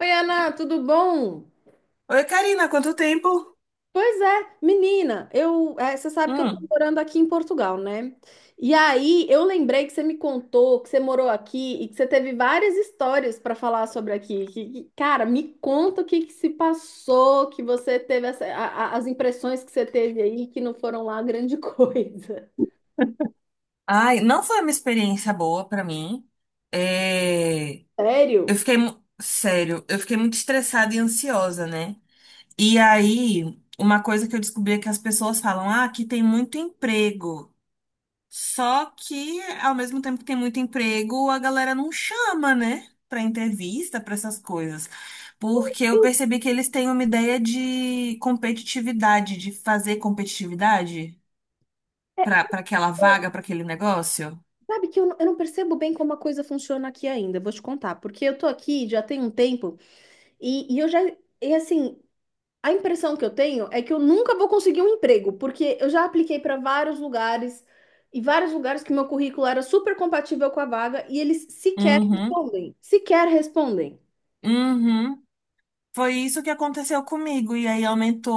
Oi, Ana, tudo bom? Oi, Karina, quanto tempo? Pois é, menina, você sabe que eu tô Hum. morando aqui em Portugal, né? E aí eu lembrei que você me contou que você morou aqui e que você teve várias histórias para falar sobre aqui. Cara, me conta o que que se passou, que você teve as impressões que você teve aí que não foram lá grande coisa. Ai, não foi uma experiência boa pra mim. É, eu Sério? fiquei, sério, eu fiquei muito estressada e ansiosa, né? E aí, uma coisa que eu descobri é que as pessoas falam, ah, aqui tem muito emprego. Só que, ao mesmo tempo que tem muito emprego, a galera não chama, né? Pra entrevista, pra essas coisas. Porque eu Eu, percebi que eles têm uma ideia de competitividade, de fazer competitividade. Para aquela vaga, para aquele negócio? sabe que eu não percebo bem como a coisa funciona aqui ainda, vou te contar, porque eu tô aqui já tem um tempo e eu já, e assim. A impressão que eu tenho é que eu nunca vou conseguir um emprego, porque eu já apliquei para vários lugares e vários lugares que meu currículo era super compatível com a vaga e eles sequer Uhum, respondem, sequer respondem. uhum. Foi isso que aconteceu comigo. E aí aumentou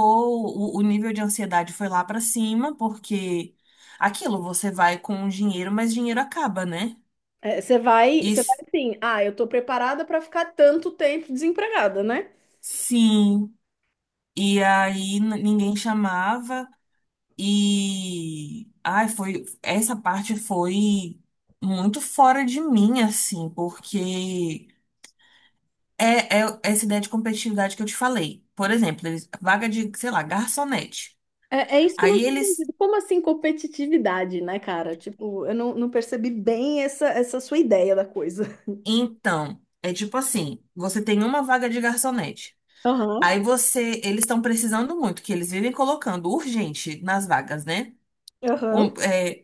o nível de ansiedade foi lá pra cima, porque aquilo, você vai com o dinheiro, mas dinheiro acaba, né? É, você vai, E você vai s- assim, ah, eu tô preparada para ficar tanto tempo desempregada, né? sim. E aí ninguém chamava. E ai, foi essa parte foi muito fora de mim, assim, porque é, é essa ideia de competitividade que eu te falei. Por exemplo, eles, vaga de, sei lá, garçonete. É, é isso que eu não Aí tenho eles, entendido. Como assim competitividade, né, cara? Tipo, eu não percebi bem essa sua ideia da coisa. então, é tipo assim, você tem uma vaga de garçonete. Aham, Aí você, eles estão precisando muito, que eles vivem colocando urgente nas vagas, né? aham. É,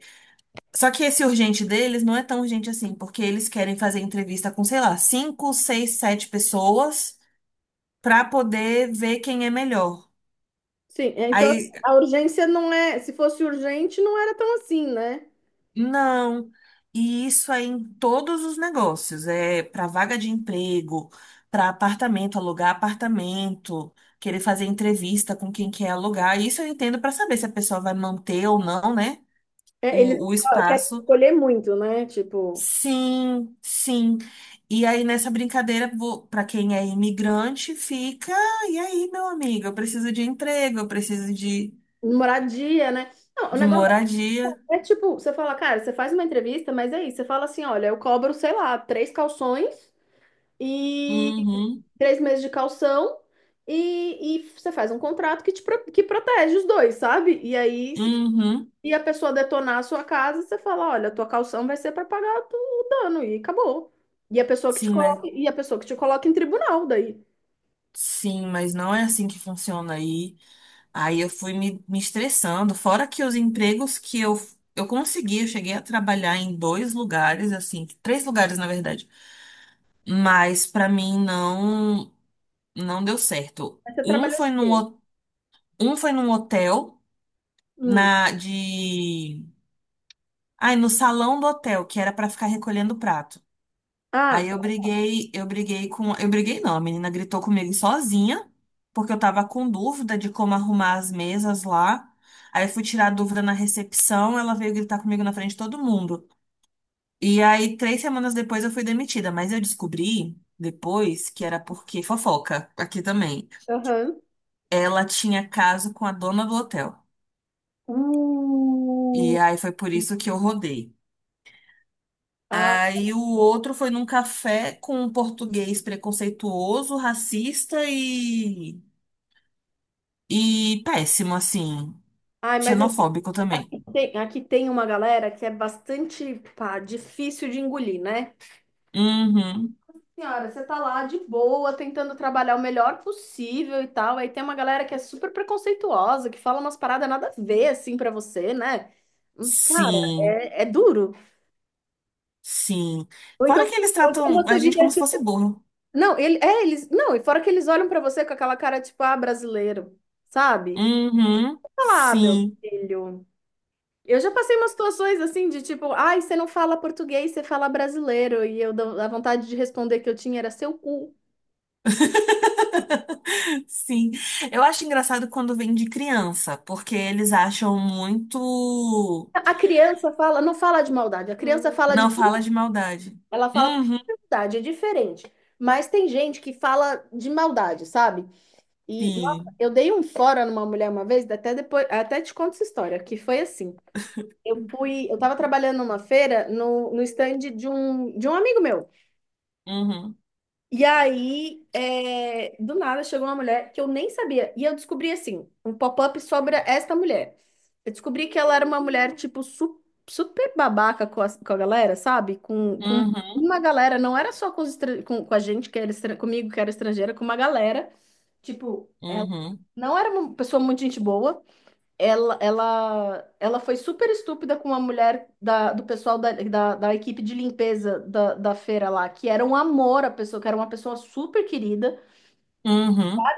só que esse urgente deles não é tão urgente assim, porque eles querem fazer entrevista com, sei lá, cinco, seis, sete pessoas para poder ver quem é melhor. Sim, é, então Aí a urgência não é, se fosse urgente, não era tão assim, né? não, e isso é em todos os negócios, é para vaga de emprego, para apartamento, alugar apartamento, querer fazer entrevista com quem quer alugar. Isso eu entendo para saber se a pessoa vai manter ou não, né? É, eles O querem espaço. escolher muito, né? Tipo, Sim, sim. E aí nessa brincadeira, para quem é imigrante, fica. E aí, meu amigo, eu preciso de emprego, eu preciso moradia, né? Não, o de negócio moradia. é, tipo, você fala, cara, você faz uma entrevista, mas é isso. Você fala assim, olha, eu cobro, sei lá, três calções e Uhum, três meses de calção e você faz um contrato que protege os dois, sabe? E aí, se uhum. a pessoa detonar a sua casa, você fala, olha, a tua calção vai ser para pagar o dano e acabou. E a pessoa que te Sim, mas coloca, e a pessoa que te coloca em tribunal daí. sim, mas não é assim que funciona aí. Aí eu fui me estressando. Fora que os empregos que eu consegui, eu cheguei a trabalhar em dois lugares, assim, três lugares na verdade. Mas pra mim não deu certo. Aí você trabalhou de quê? Um foi num hotel Hum. na de ai, no salão do hotel, que era pra ficar recolhendo prato. Ah, Aí tá. Eu briguei com. Eu briguei não, a menina gritou comigo sozinha, porque eu tava com dúvida de como arrumar as mesas lá. Aí eu fui tirar a dúvida na recepção, ela veio gritar comigo na frente de todo mundo. E aí, três semanas depois, eu fui demitida, mas eu descobri depois que era porque fofoca, aqui também. Aham. Ela tinha caso com a dona do hotel. Uh, E aí foi por isso que eu rodei. ah, Aí o outro foi num café com um português preconceituoso, racista e péssimo, assim. ai, mas aqui Xenofóbico também. tem, aqui tem uma galera que é bastante, pá, difícil de engolir, né? Uhum. Senhora, você tá lá de boa, tentando trabalhar o melhor possível e tal. Aí tem uma galera que é super preconceituosa, que fala umas paradas nada a ver, assim, pra você, né? Cara, Sim, é duro. sim. Ou então, Fora que eles ou então tratam a você gente vira. como se fosse burro. Não, eles. Não, e fora que eles olham pra você com aquela cara, tipo, ah, brasileiro, sabe? Uhum. Fala, ah, meu Sim. filho. Eu já passei umas situações assim de tipo, ai, você não fala português, você fala brasileiro. A vontade de responder que eu tinha era seu cu. Sim. Eu acho engraçado quando vem de criança, porque eles acham muito. A criança fala, não fala de maldade, a criança fala de Não cu, fala de maldade. ela fala por Uhum. maldade, é diferente. Mas tem gente que fala de maldade, sabe? E nossa, Sim. eu dei um fora numa mulher uma vez, até depois, até te conto essa história, que foi assim. Eu tava trabalhando numa feira no stand de um amigo meu. Uhum. E aí, do nada, chegou uma mulher que eu nem sabia. E eu descobri, assim, um pop-up sobre esta mulher. Eu descobri que ela era uma mulher, tipo, super babaca com a galera, sabe? Com Uhum. uma galera, não era só com a gente, que era comigo, que era estrangeira, com uma galera. Tipo, ela Uhum. não era uma pessoa muito gente boa. Ela foi super estúpida com a mulher do pessoal da equipe de limpeza da feira lá, que era um amor a pessoa, que era uma pessoa super querida. Uhum.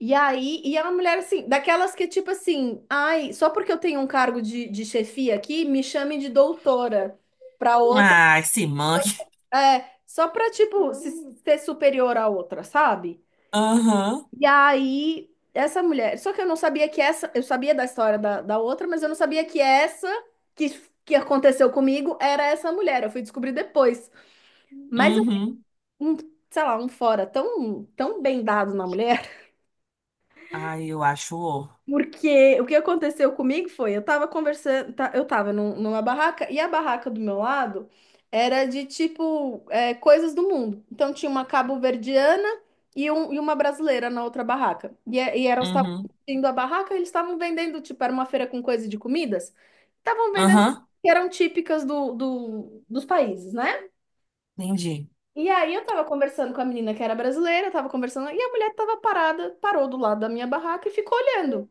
E aí, é uma mulher assim, daquelas que tipo assim, ai, só porque eu tenho um cargo de chefia aqui, me chamem de doutora pra outra. Ai, se manque. É, só pra tipo se, ser superior à outra, sabe? Aham. E aí, essa mulher. Só que eu não sabia que essa. Eu sabia da história da outra, mas eu não sabia que essa que, que aconteceu comigo era essa mulher. Eu fui descobrir depois. Mas, Uhum. um, sei lá, um fora tão, tão bem dado na mulher. Ai, eu acho. Porque o que aconteceu comigo foi, eu tava conversando, tá, eu tava numa barraca, e a barraca do meu lado era de tipo coisas do mundo. Então tinha uma cabo-verdiana e uma brasileira na outra barraca. E elas estavam Uhum. indo a barraca, eles estavam vendendo, tipo, era uma feira com coisa de comidas, estavam vendendo Aham. que eram típicas dos países, né? Entendi. E aí eu tava conversando com a menina que era brasileira, tava conversando, e a mulher tava parada, parou do lado da minha barraca e ficou olhando.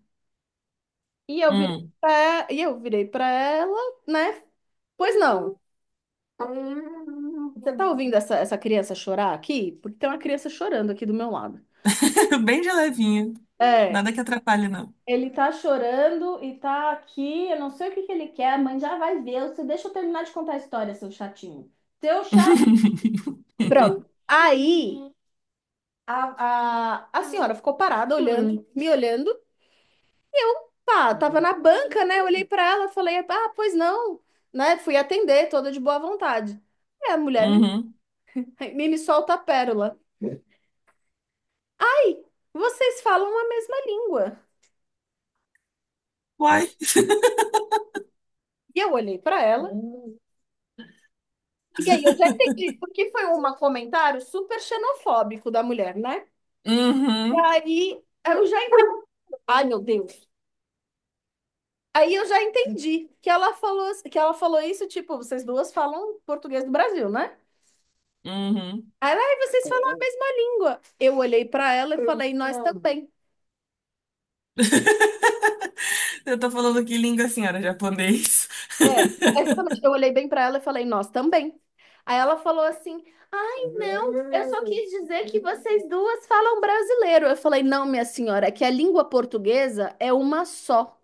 E eu virei Hum. pra, e eu virei pra ela, né? Pois não. Você tá ouvindo essa criança chorar aqui? Porque tem uma criança chorando aqui do meu lado. Bem de levinho. É, Nada que atrapalhe, não. ele tá chorando e tá aqui, eu não sei o que que ele quer, a mãe já vai ver. Você deixa eu terminar de contar a história, seu chatinho. Seu chato. Pronto. Aí a senhora ficou parada olhando, me olhando. Pá, tava na banca, né? Eu olhei pra ela, falei, ah, pois não, né? Fui atender, toda de boa vontade. Aí a mulher me Uhum. Me solta a pérola. Ai, vocês falam a mesma língua. Uai. E eu olhei pra ela. Hum. E aí eu já entendi, porque foi um comentário super xenofóbico da mulher, né? E Uhum. aí eu já entendi. Ai, meu Deus. Aí eu já entendi que ela falou isso, tipo, vocês duas falam português do Brasil, né? Uhum. Aí ela, ai, vocês falam a mesma língua. Eu olhei pra ela e falei, nós também. Eu tô falando que língua, senhora? Japonês. É, exatamente. Eu olhei bem pra ela e falei, nós também. Aí ela falou assim: ai, não, eu só quis dizer que vocês duas falam brasileiro. Eu falei, não, minha senhora, é que a língua portuguesa é uma só.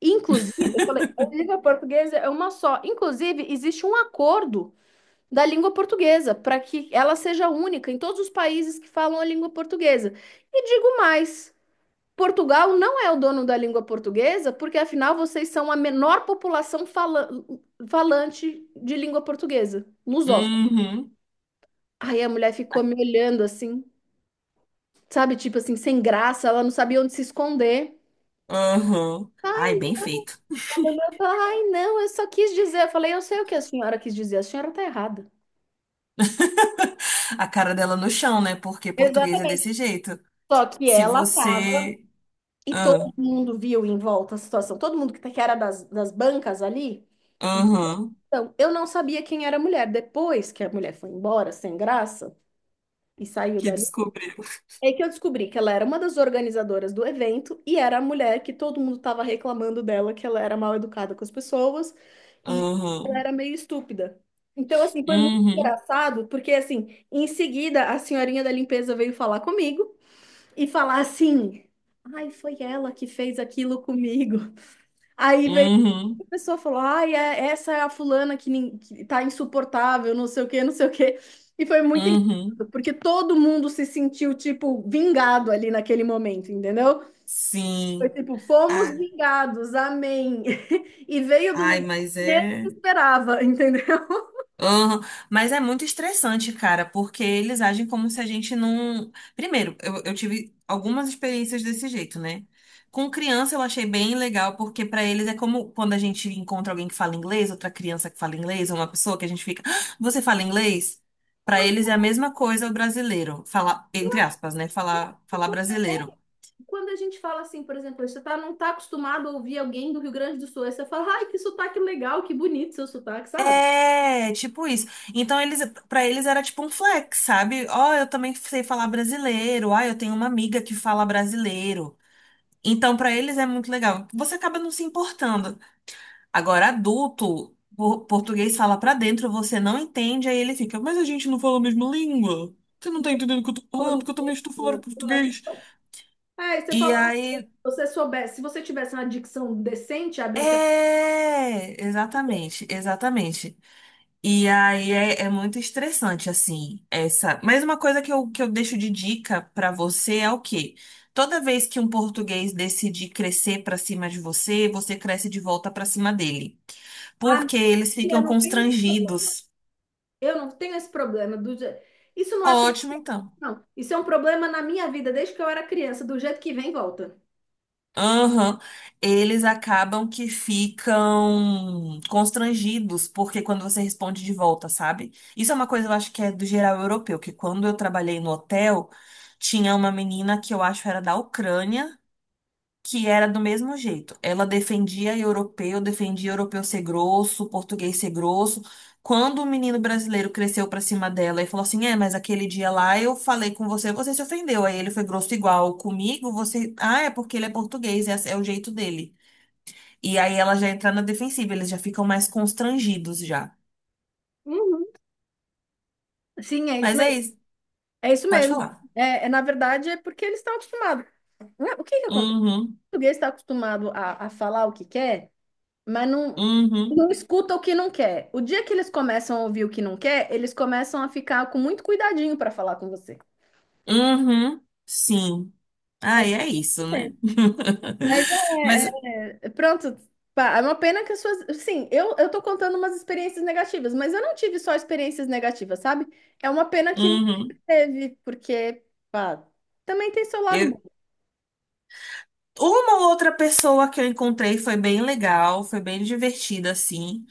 Inclusive, eu falei, a língua portuguesa é uma só. Inclusive, existe um acordo da língua portuguesa para que ela seja única em todos os países que falam a língua portuguesa. E digo mais. Portugal não é o dono da língua portuguesa, porque afinal vocês são a menor população falante de língua portuguesa, lusófona. Uhum. Aí a mulher ficou me olhando assim, sabe, tipo assim, sem graça, ela não sabia onde se esconder. Uhum. Ai, Ai, bem feito. ela olhou e falou: Ai, não, eu só quis dizer. Eu falei: Eu sei o que a senhora quis dizer, a senhora tá errada. A cara dela no chão, né? Porque português é Exatamente. desse jeito. Só que Se ela tava, você. e Ah, todo mundo viu em volta a situação, todo mundo que era das bancas ali. aham. Então, eu não sabia quem era a mulher. Depois que a mulher foi embora, sem graça, e saiu Que dali, descobriu. é que eu descobri que ela era uma das organizadoras do evento e era a mulher que todo mundo estava reclamando dela, que ela era mal educada com as pessoas e ela Uhum. era meio estúpida. Então, assim, foi muito Uhum. engraçado, porque, assim, em seguida, a senhorinha da limpeza veio falar comigo e falar assim: Ai, foi ela que fez aquilo comigo. Aí veio Uhum. a pessoa falou, ai, essa é a fulana que tá insuportável, não sei o quê, não sei o quê. E foi muito Uhum. engraçado, porque todo mundo se sentiu, tipo, vingado ali naquele momento, entendeu? Foi Sim. tipo, fomos Ah, vingados, amém. E veio do ai, lugar mas que é. menos esperava, entendeu? Uhum. Mas é muito estressante, cara, porque eles agem como se a gente não. Primeiro, eu tive algumas experiências desse jeito, né? Com criança eu achei bem legal, porque pra eles é como quando a gente encontra alguém que fala inglês, outra criança que fala inglês, ou uma pessoa que a gente fica. "Ah, você fala inglês? Ou Pra eles é então, a mesma coisa o brasileiro. Falar, entre aspas, né? Falar, falar brasileiro. quando a gente fala assim, por exemplo, não tá acostumado a ouvir alguém do Rio Grande do Sul, aí você fala, ai, que sotaque legal, que bonito seu sotaque, sabe? É, tipo isso. Então eles, para eles era tipo um flex, sabe? Ó, eu também sei falar brasileiro. Ah, eu tenho uma amiga que fala brasileiro. Então pra eles é muito legal. Você acaba não se importando. Agora adulto, português fala pra dentro, você não entende, aí ele fica, mas a gente não fala a mesma língua. Você não tá entendendo o que eu tô Falando, falando, que eu também estou falando português. "Ai, E aí, você soubesse, se você tivesse uma dicção decente, abrisse a é, exatamente, exatamente. E aí é, é muito estressante, assim, essa. Mas uma coisa que eu deixo de dica pra você é o quê? Toda vez que um português decide crescer pra cima de você, você cresce de volta pra cima dele. ah, Porque eles eu ficam não tenho esse problema. constrangidos. Eu não tenho esse problema. Isso não é solução, Ótimo, então. não. Isso é um problema na minha vida desde que eu era criança, do jeito que vem, volta. Aham. Eles acabam que ficam constrangidos, porque quando você responde de volta, sabe? Isso é uma coisa, eu acho que é do geral europeu, que quando eu trabalhei no hotel, tinha uma menina que eu acho era da Ucrânia, que era do mesmo jeito. Ela defendia europeu ser grosso, português ser grosso. Quando o menino brasileiro cresceu pra cima dela e falou assim: é, mas aquele dia lá eu falei com você, você se ofendeu. Aí ele foi grosso igual comigo, você. Ah, é porque ele é português, é, é o jeito dele. E aí ela já entra na defensiva, eles já ficam mais constrangidos já. Uhum. Sim, é isso Mas é mesmo. isso, É isso pode mesmo. falar. É, na verdade, é porque eles estão acostumados. Não é- O que que acontece? Uhum, O português está acostumado a falar o que quer, mas não, uhum, não escuta o que não quer. O dia que eles começam a ouvir o que não quer, eles começam a ficar com muito cuidadinho para falar com você. uhum, sim. Aí é isso, né? Mas Mas, é, pronto, pá, é uma pena que as suas. Sim, eu tô contando umas experiências negativas, mas eu não tive só experiências negativas, sabe? É uma pena que você uhum. teve, porque, pá, também tem seu lado Eu, bom. uma ou outra pessoa que eu encontrei foi bem legal, foi bem divertida, assim.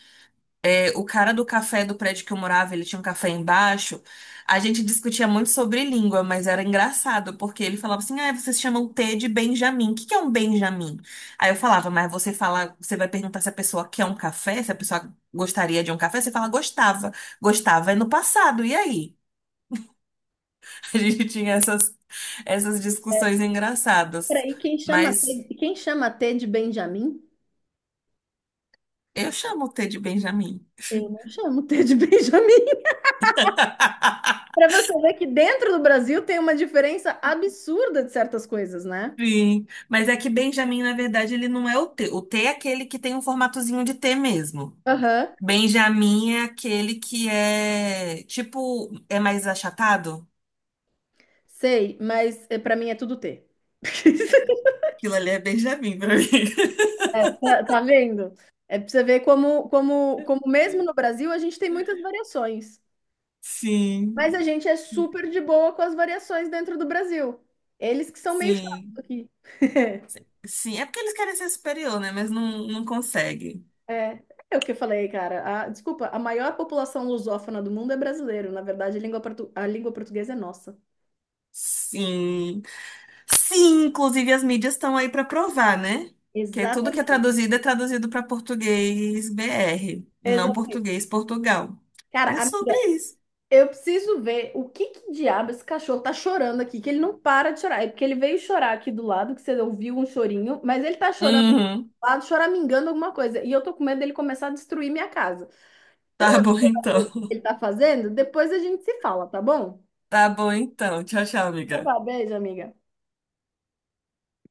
É, o cara do café do prédio que eu morava, ele tinha um café embaixo. A gente discutia muito sobre língua, mas era engraçado, porque ele falava assim: ah, vocês chamam T de Benjamin. O que que é um Benjamin? Aí eu falava, mas você fala, você vai perguntar se a pessoa quer um café, se a pessoa gostaria de um café, você fala, gostava. Gostava é no passado, e aí? A gente tinha essas, essas discussões engraçadas. Peraí, quem chama Mas. T, quem chama T de Benjamin? Eu chamo o T de Benjamin. Eu não chamo T de Benjamin. Pra você ver que dentro do Brasil tem uma diferença absurda de certas coisas, né? Sim, mas é que Benjamin, na verdade, ele não é o T. O T é aquele que tem um formatozinho de T mesmo. Aham, Benjamin é aquele que é, tipo, é mais achatado. sei, mas pra mim é tudo T. Aquilo ali é Benjamin pra mim. Tá vendo? É pra você ver como, como, como, mesmo no Brasil a gente tem muitas variações. Sim, Mas a gente é super de boa com as variações dentro do Brasil. Eles que são meio chatos sim, aqui. sim. É porque eles querem ser superior, né? Mas não, não conseguem. É, é o que eu falei, cara. Desculpa, a maior população lusófona do mundo é brasileiro. Na verdade, a língua portuguesa é nossa. Sim. Sim, inclusive as mídias estão aí para provar, né? Que é tudo que Exatamente. É traduzido para português BR, não Exatamente. português Portugal. Cara, É a sobre isso. Eu preciso ver o que que diabo esse cachorro tá chorando aqui, que ele não para de chorar. É porque ele veio chorar aqui do lado, que você ouviu um chorinho, mas ele tá chorando lá do Uhum. lado, choramingando alguma coisa. E eu tô com medo dele começar a destruir minha casa. Então, Tá bom assim, o que então. ele tá fazendo, depois a gente se fala, tá bom? Tá bom então. Tchau, tchau, Então, tá amiga. bom, beijo, amiga.